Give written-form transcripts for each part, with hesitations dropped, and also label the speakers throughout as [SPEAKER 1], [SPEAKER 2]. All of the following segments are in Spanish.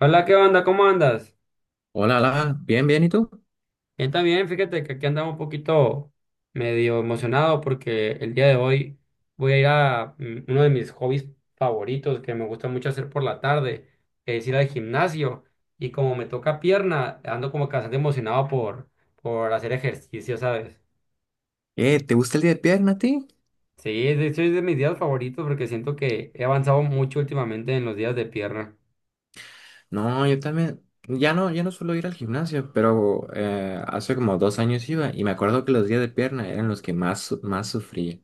[SPEAKER 1] Hola, ¿qué onda? ¿Cómo andas?
[SPEAKER 2] Hola, hola, bien, bien, ¿y tú?
[SPEAKER 1] Bien, también, fíjate que aquí andaba un poquito medio emocionado porque el día de hoy voy a ir a uno de mis hobbies favoritos que me gusta mucho hacer por la tarde, que es ir al gimnasio. Y como me toca pierna, ando como que bastante emocionado por hacer ejercicio, ¿sabes?
[SPEAKER 2] ¿Te gusta el día de pierna a ti?
[SPEAKER 1] Sí, de hecho es de mis días favoritos porque siento que he avanzado mucho últimamente en los días de pierna.
[SPEAKER 2] No, yo también, ya no, ya no suelo ir al gimnasio, pero hace como 2 años iba y me acuerdo que los días de pierna eran los que más, más sufría.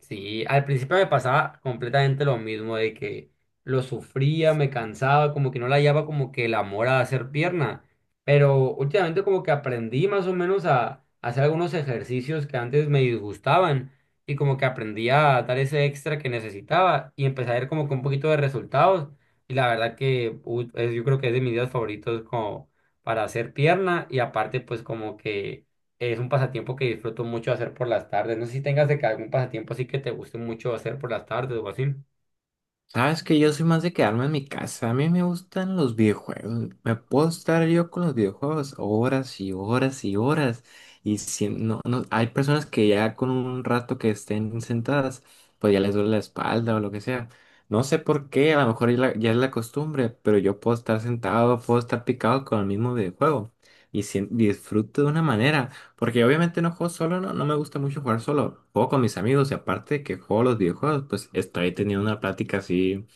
[SPEAKER 1] Sí, al principio me pasaba completamente lo mismo, de que lo sufría, me cansaba, como que no le hallaba como que el amor a hacer pierna, pero últimamente como que aprendí más o menos a, hacer algunos ejercicios que antes me disgustaban y como que aprendí a dar ese extra que necesitaba y empecé a ver como que un poquito de resultados y la verdad que yo creo que es de mis días favoritos como para hacer pierna y aparte pues como que... Es un pasatiempo que disfruto mucho hacer por las tardes. No sé si tengas de que algún pasatiempo así que te guste mucho hacer por las tardes o así.
[SPEAKER 2] Sabes que yo soy más de quedarme en mi casa. A mí me gustan los videojuegos. Me puedo estar yo con los videojuegos horas y horas y horas. Y si no, hay personas que ya con un rato que estén sentadas, pues ya les duele la espalda o lo que sea. No sé por qué, a lo mejor ya, ya es la costumbre, pero yo puedo estar sentado, puedo estar picado con el mismo videojuego. Y si disfruto de una manera. Porque obviamente no juego solo, no, no me gusta mucho jugar solo. Juego con mis amigos y aparte que juego los videojuegos, pues estoy teniendo una plática así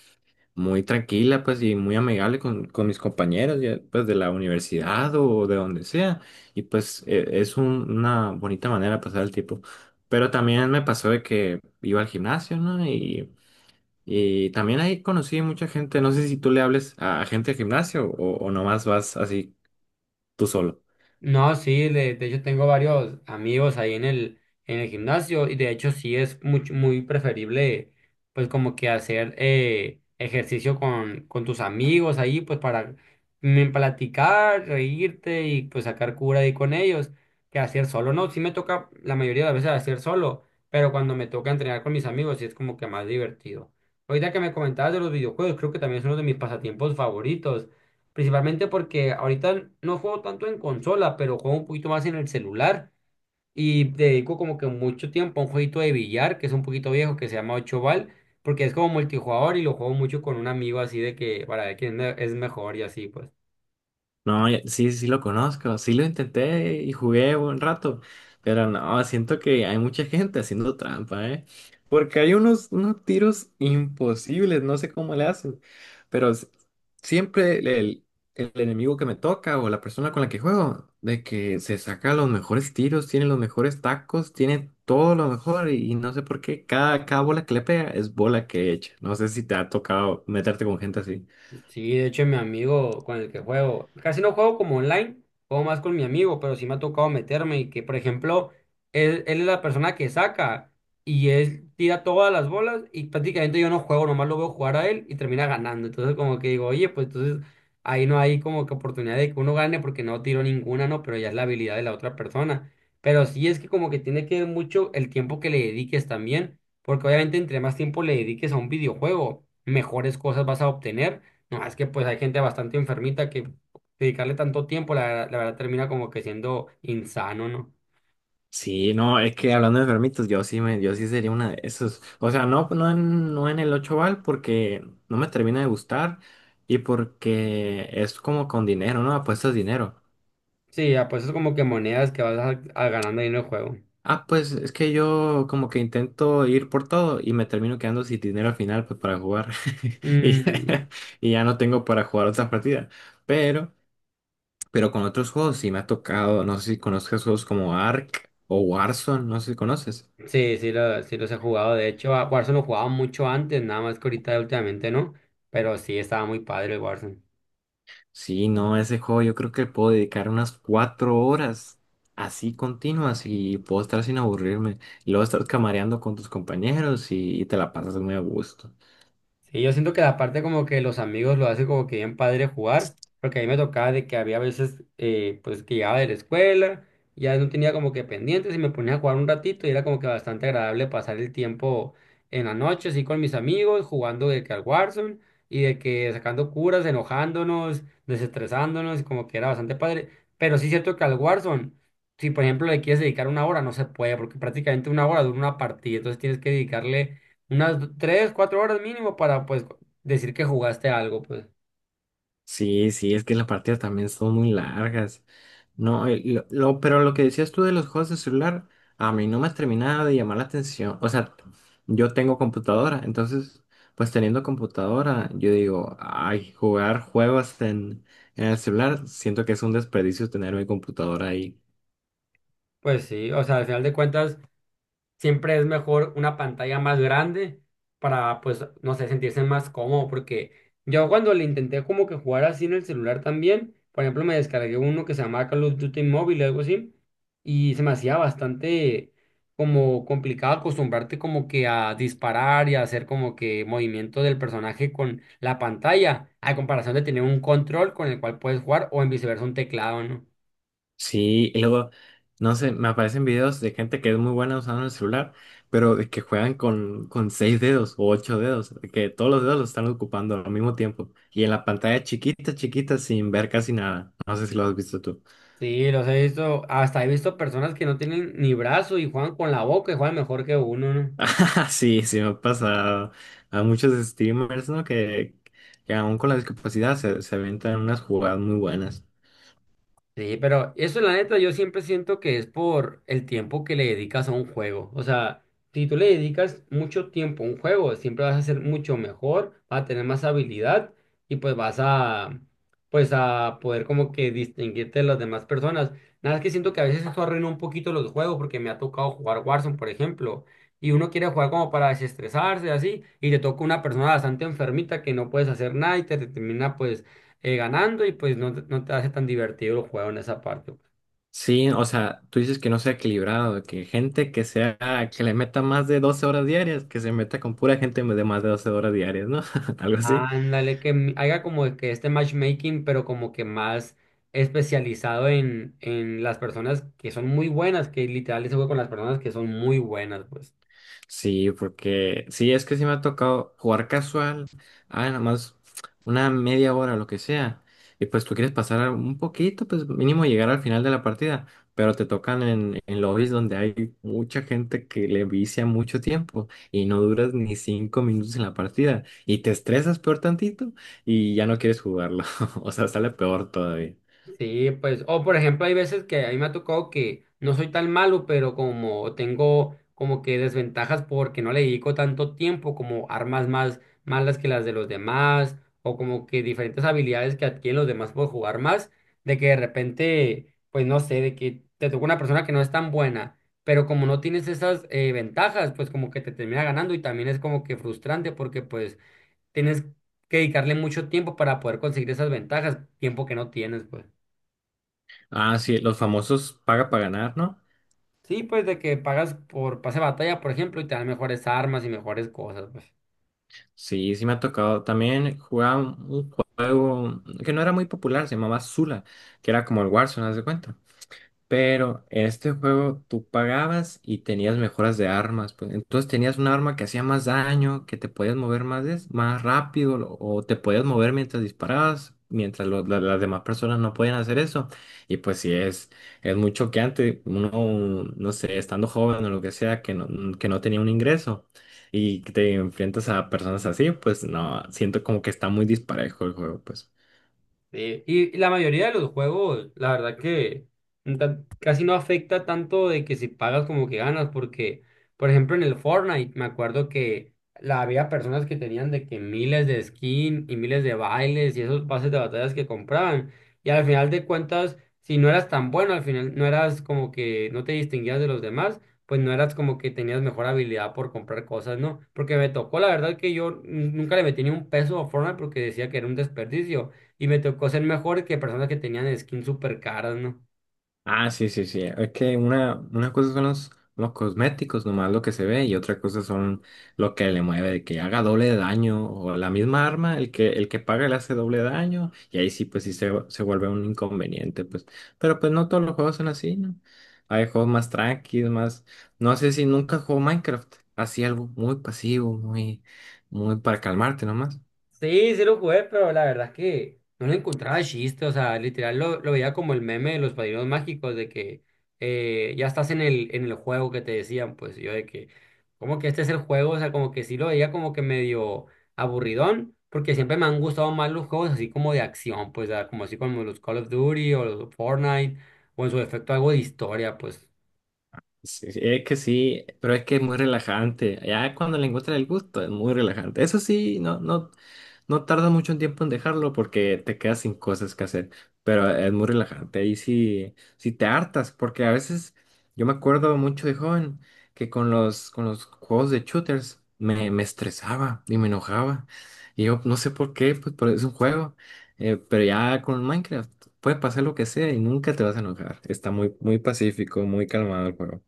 [SPEAKER 2] muy tranquila, pues y muy amigable con mis compañeros, ya, pues de la universidad o de donde sea. Y pues es una bonita manera de pasar el tiempo. Pero también me pasó de que iba al gimnasio, ¿no? Y también ahí conocí mucha gente. No sé si tú le hables a gente del gimnasio o nomás vas así tú solo.
[SPEAKER 1] No, sí, de hecho tengo varios amigos ahí en el gimnasio y de hecho sí es mucho, muy preferible pues como que hacer ejercicio con tus amigos ahí pues para platicar, reírte y pues sacar cura ahí con ellos que hacer solo. No, sí me toca la mayoría de las veces hacer solo, pero cuando me toca entrenar con mis amigos sí es como que más divertido. Ahorita que me comentabas de los videojuegos, creo que también es uno de mis pasatiempos favoritos. Principalmente porque ahorita no juego tanto en consola, pero juego un poquito más en el celular y dedico como que mucho tiempo a un jueguito de billar que es un poquito viejo que se llama Ocho Bal, porque es como multijugador y lo juego mucho con un amigo así de que para ver quién es mejor y así pues.
[SPEAKER 2] No, sí, sí lo conozco, sí lo intenté y jugué un rato, pero no, siento que hay mucha gente haciendo trampa, ¿eh? Porque hay unos tiros imposibles, no sé cómo le hacen, pero siempre el, el enemigo que me toca o la persona con la que juego, de que se saca los mejores tiros, tiene los mejores tacos, tiene todo lo mejor y no sé por qué cada bola que le pega es bola que echa. No sé si te ha tocado meterte con gente así.
[SPEAKER 1] Sí, de hecho, mi amigo con el que juego, casi no juego como online, juego más con mi amigo, pero sí me ha tocado meterme y que, por ejemplo, él es la persona que saca y él tira todas las bolas y prácticamente yo no juego, nomás lo veo jugar a él y termina ganando. Entonces, como que digo, oye, pues entonces ahí no hay como que oportunidad de que uno gane porque no tiro ninguna, ¿no? Pero ya es la habilidad de la otra persona. Pero sí es que como que tiene que ver mucho el tiempo que le dediques también, porque obviamente entre más tiempo le dediques a un videojuego, mejores cosas vas a obtener no, es que pues hay gente bastante enfermita que dedicarle tanto tiempo, la verdad termina como que siendo insano, ¿no?
[SPEAKER 2] Sí, no, es que hablando de enfermitos, yo sí sería una de esos. O sea, no en el 8 bal porque no me termina de gustar y porque es como con dinero, ¿no? Apuestas dinero.
[SPEAKER 1] Sí, apuestas como que monedas que vas a ganando ahí en el juego.
[SPEAKER 2] Ah, pues es que yo como que intento ir por todo y me termino quedando sin dinero al final pues para jugar. Y,
[SPEAKER 1] Mm,
[SPEAKER 2] y ya no tengo para jugar otras partidas. Pero, pero con otros juegos sí me ha tocado, no sé si conozcas juegos como Ark o Warzone, no sé si conoces.
[SPEAKER 1] sí, sí, sí los he jugado. De hecho, a Warzone lo jugaba mucho antes, nada más que ahorita últimamente no. Pero sí, estaba muy padre el Warzone.
[SPEAKER 2] Sí, no, ese juego yo creo que puedo dedicar unas 4 horas así continuas y puedo estar sin aburrirme. Y luego estar camareando con tus compañeros y te la pasas muy a gusto.
[SPEAKER 1] Sí, yo siento que la parte como que los amigos lo hace como que bien padre jugar, porque a mí me tocaba de que había veces pues que llegaba de la escuela, ya no tenía como que pendientes y me ponía a jugar un ratito y era como que bastante agradable pasar el tiempo en la noche así con mis amigos, jugando de que al Warzone y de que sacando curas, enojándonos, desestresándonos, y como que era bastante padre. Pero sí es cierto que al Warzone, si por ejemplo le quieres dedicar una hora, no se puede, porque prácticamente una hora dura una partida, entonces tienes que dedicarle tres, cuatro horas mínimo para pues decir que jugaste algo, pues.
[SPEAKER 2] Sí, sí, es que las partidas también son muy largas. No, lo, pero lo que decías tú de los juegos de celular, a mí no me terminaba de llamar la atención. O sea, yo tengo computadora, entonces, pues teniendo computadora, yo digo, ay, jugar juegos en el celular, siento que es un desperdicio tener mi computadora ahí.
[SPEAKER 1] Pues sí, o sea, al final de cuentas, siempre es mejor una pantalla más grande para, pues, no sé, sentirse más cómodo, porque yo cuando le intenté como que jugar así en el celular también, por ejemplo, me descargué uno que se llamaba Call of Duty Mobile o algo así, y se me hacía bastante como complicado acostumbrarte como que a disparar y a hacer como que movimiento del personaje con la pantalla, a comparación de tener un control con el cual puedes jugar o en viceversa un teclado, ¿no?
[SPEAKER 2] Sí, y luego, no sé, me aparecen videos de gente que es muy buena usando el celular, pero de que juegan con seis dedos o ocho dedos, de que todos los dedos los están ocupando al mismo tiempo y en la pantalla chiquita, chiquita, sin ver casi nada. No sé si lo has visto tú.
[SPEAKER 1] Sí, los he visto, hasta he visto personas que no tienen ni brazo y juegan con la boca y juegan mejor que uno, ¿no?
[SPEAKER 2] Ah, sí, sí me ha pasado a muchos streamers, ¿no? Que aún con la discapacidad se aventan unas jugadas muy buenas.
[SPEAKER 1] Sí, pero eso la neta yo siempre siento que es por el tiempo que le dedicas a un juego. O sea, si tú le dedicas mucho tiempo a un juego, siempre vas a ser mucho mejor, vas a tener más habilidad y pues pues a poder como que distinguirte de las demás personas. Nada más que siento que a veces eso arruina un poquito los juegos porque me ha tocado jugar Warzone, por ejemplo, y uno quiere jugar como para desestresarse así y te toca una persona bastante enfermita que no puedes hacer nada y te termina pues ganando y pues no, no te hace tan divertido el juego en esa parte.
[SPEAKER 2] Sí, o sea, tú dices que no sea equilibrado, que gente que sea, que le meta más de 12 horas diarias, que se meta con pura gente de más de 12 horas diarias, ¿no? Algo así.
[SPEAKER 1] Ándale, haga como de que este matchmaking, pero como que más especializado en las personas que son muy buenas, que literal ese juego con las personas que son muy buenas, pues.
[SPEAKER 2] Sí, porque sí, es que sí me ha tocado jugar casual, ah, nada más una media hora o lo que sea, y pues tú quieres pasar un poquito, pues mínimo llegar al final de la partida, pero te tocan en lobbies donde hay mucha gente que le vicia mucho tiempo y no duras ni 5 minutos en la partida y te estresas peor tantito y ya no quieres jugarlo, o sea, sale peor todavía.
[SPEAKER 1] Sí, pues, o por ejemplo, hay veces que a mí me ha tocado que no soy tan malo, pero como tengo como que desventajas porque no le dedico tanto tiempo, como armas más malas que las de los demás, o como que diferentes habilidades que adquieren los demás por jugar más, de que de repente, pues no sé, de que te toca una persona que no es tan buena, pero como no tienes esas ventajas, pues como que te termina ganando y también es como que frustrante porque pues tienes que dedicarle mucho tiempo para poder conseguir esas ventajas, tiempo que no tienes, pues.
[SPEAKER 2] Ah, sí, los famosos paga para ganar, ¿no?
[SPEAKER 1] Sí, pues de que pagas por pase de batalla, por ejemplo, y te dan mejores armas y mejores cosas, pues.
[SPEAKER 2] Sí, sí me ha tocado. También jugaba un juego que no era muy popular, se llamaba Zula, que era como el Warzone, ¿haz de cuenta? Pero en este juego tú pagabas y tenías mejoras de armas, pues. Entonces tenías un arma que hacía más daño, que te podías mover más, más rápido, lo- o te podías mover mientras disparabas, mientras las demás personas no podían hacer eso. Y pues sí, es muy choqueante, uno, no sé, estando joven o lo que sea, que no tenía un ingreso y que te enfrentas a personas así, pues no, siento como que está muy disparejo el juego, pues.
[SPEAKER 1] Sí, y la mayoría de los juegos, la verdad que casi no afecta tanto de que si pagas como que ganas, porque, por ejemplo, en el Fortnite, me acuerdo que había personas que tenían de que miles de skins y miles de bailes y esos pases de batallas que compraban. Y al final de cuentas, si no eras tan bueno, al final no eras como que no te distinguías de los demás, pues no eras como que tenías mejor habilidad por comprar cosas, ¿no? Porque me tocó, la verdad que yo nunca le metí ni un peso a Fortnite porque decía que era un desperdicio. Y me tocó ser mejor que personas que tenían skins súper caras, ¿no?
[SPEAKER 2] Ah, sí, sí, sí. Es que una cosa son los cosméticos, nomás lo que se ve, y otra cosa son lo que le mueve, de que haga doble de daño, o la misma arma, el que paga le hace doble daño, y ahí sí, pues se vuelve un inconveniente, pues. Pero pues no todos los juegos son así, ¿no? Hay juegos más tranquilos, más. No sé si nunca jugó Minecraft, así algo muy pasivo, muy, muy para calmarte nomás.
[SPEAKER 1] Sí, sí lo jugué, pero la verdad es que no le encontraba chiste, o sea, literal lo veía como el meme de los padrinos mágicos, de que ya estás en el juego que te decían, pues yo de que, como que este es el juego, o sea, como que sí lo veía como que medio aburridón, porque siempre me han gustado más los juegos así como de acción, pues como así como los Call of Duty o los Fortnite, o en su efecto algo de historia, pues.
[SPEAKER 2] Sí, es que sí, pero es que es muy relajante. Ya cuando le encuentras el gusto, es muy relajante. Eso sí, no tarda mucho tiempo en dejarlo porque te quedas sin cosas que hacer, pero es muy relajante. Y si te hartas, porque a veces yo me acuerdo mucho de joven que con los juegos de shooters me estresaba y me enojaba. Y yo no sé por qué, pues pero es un juego. Pero ya con Minecraft puede pasar lo que sea y nunca te vas a enojar. Está muy, muy pacífico, muy calmado el juego.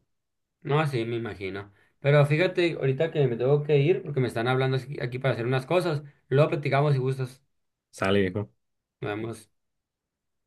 [SPEAKER 1] No, sí, me imagino. Pero fíjate, ahorita que me tengo que ir porque me están hablando aquí para hacer unas cosas. Luego platicamos si gustas.
[SPEAKER 2] Sale, viejo.
[SPEAKER 1] Nos vemos.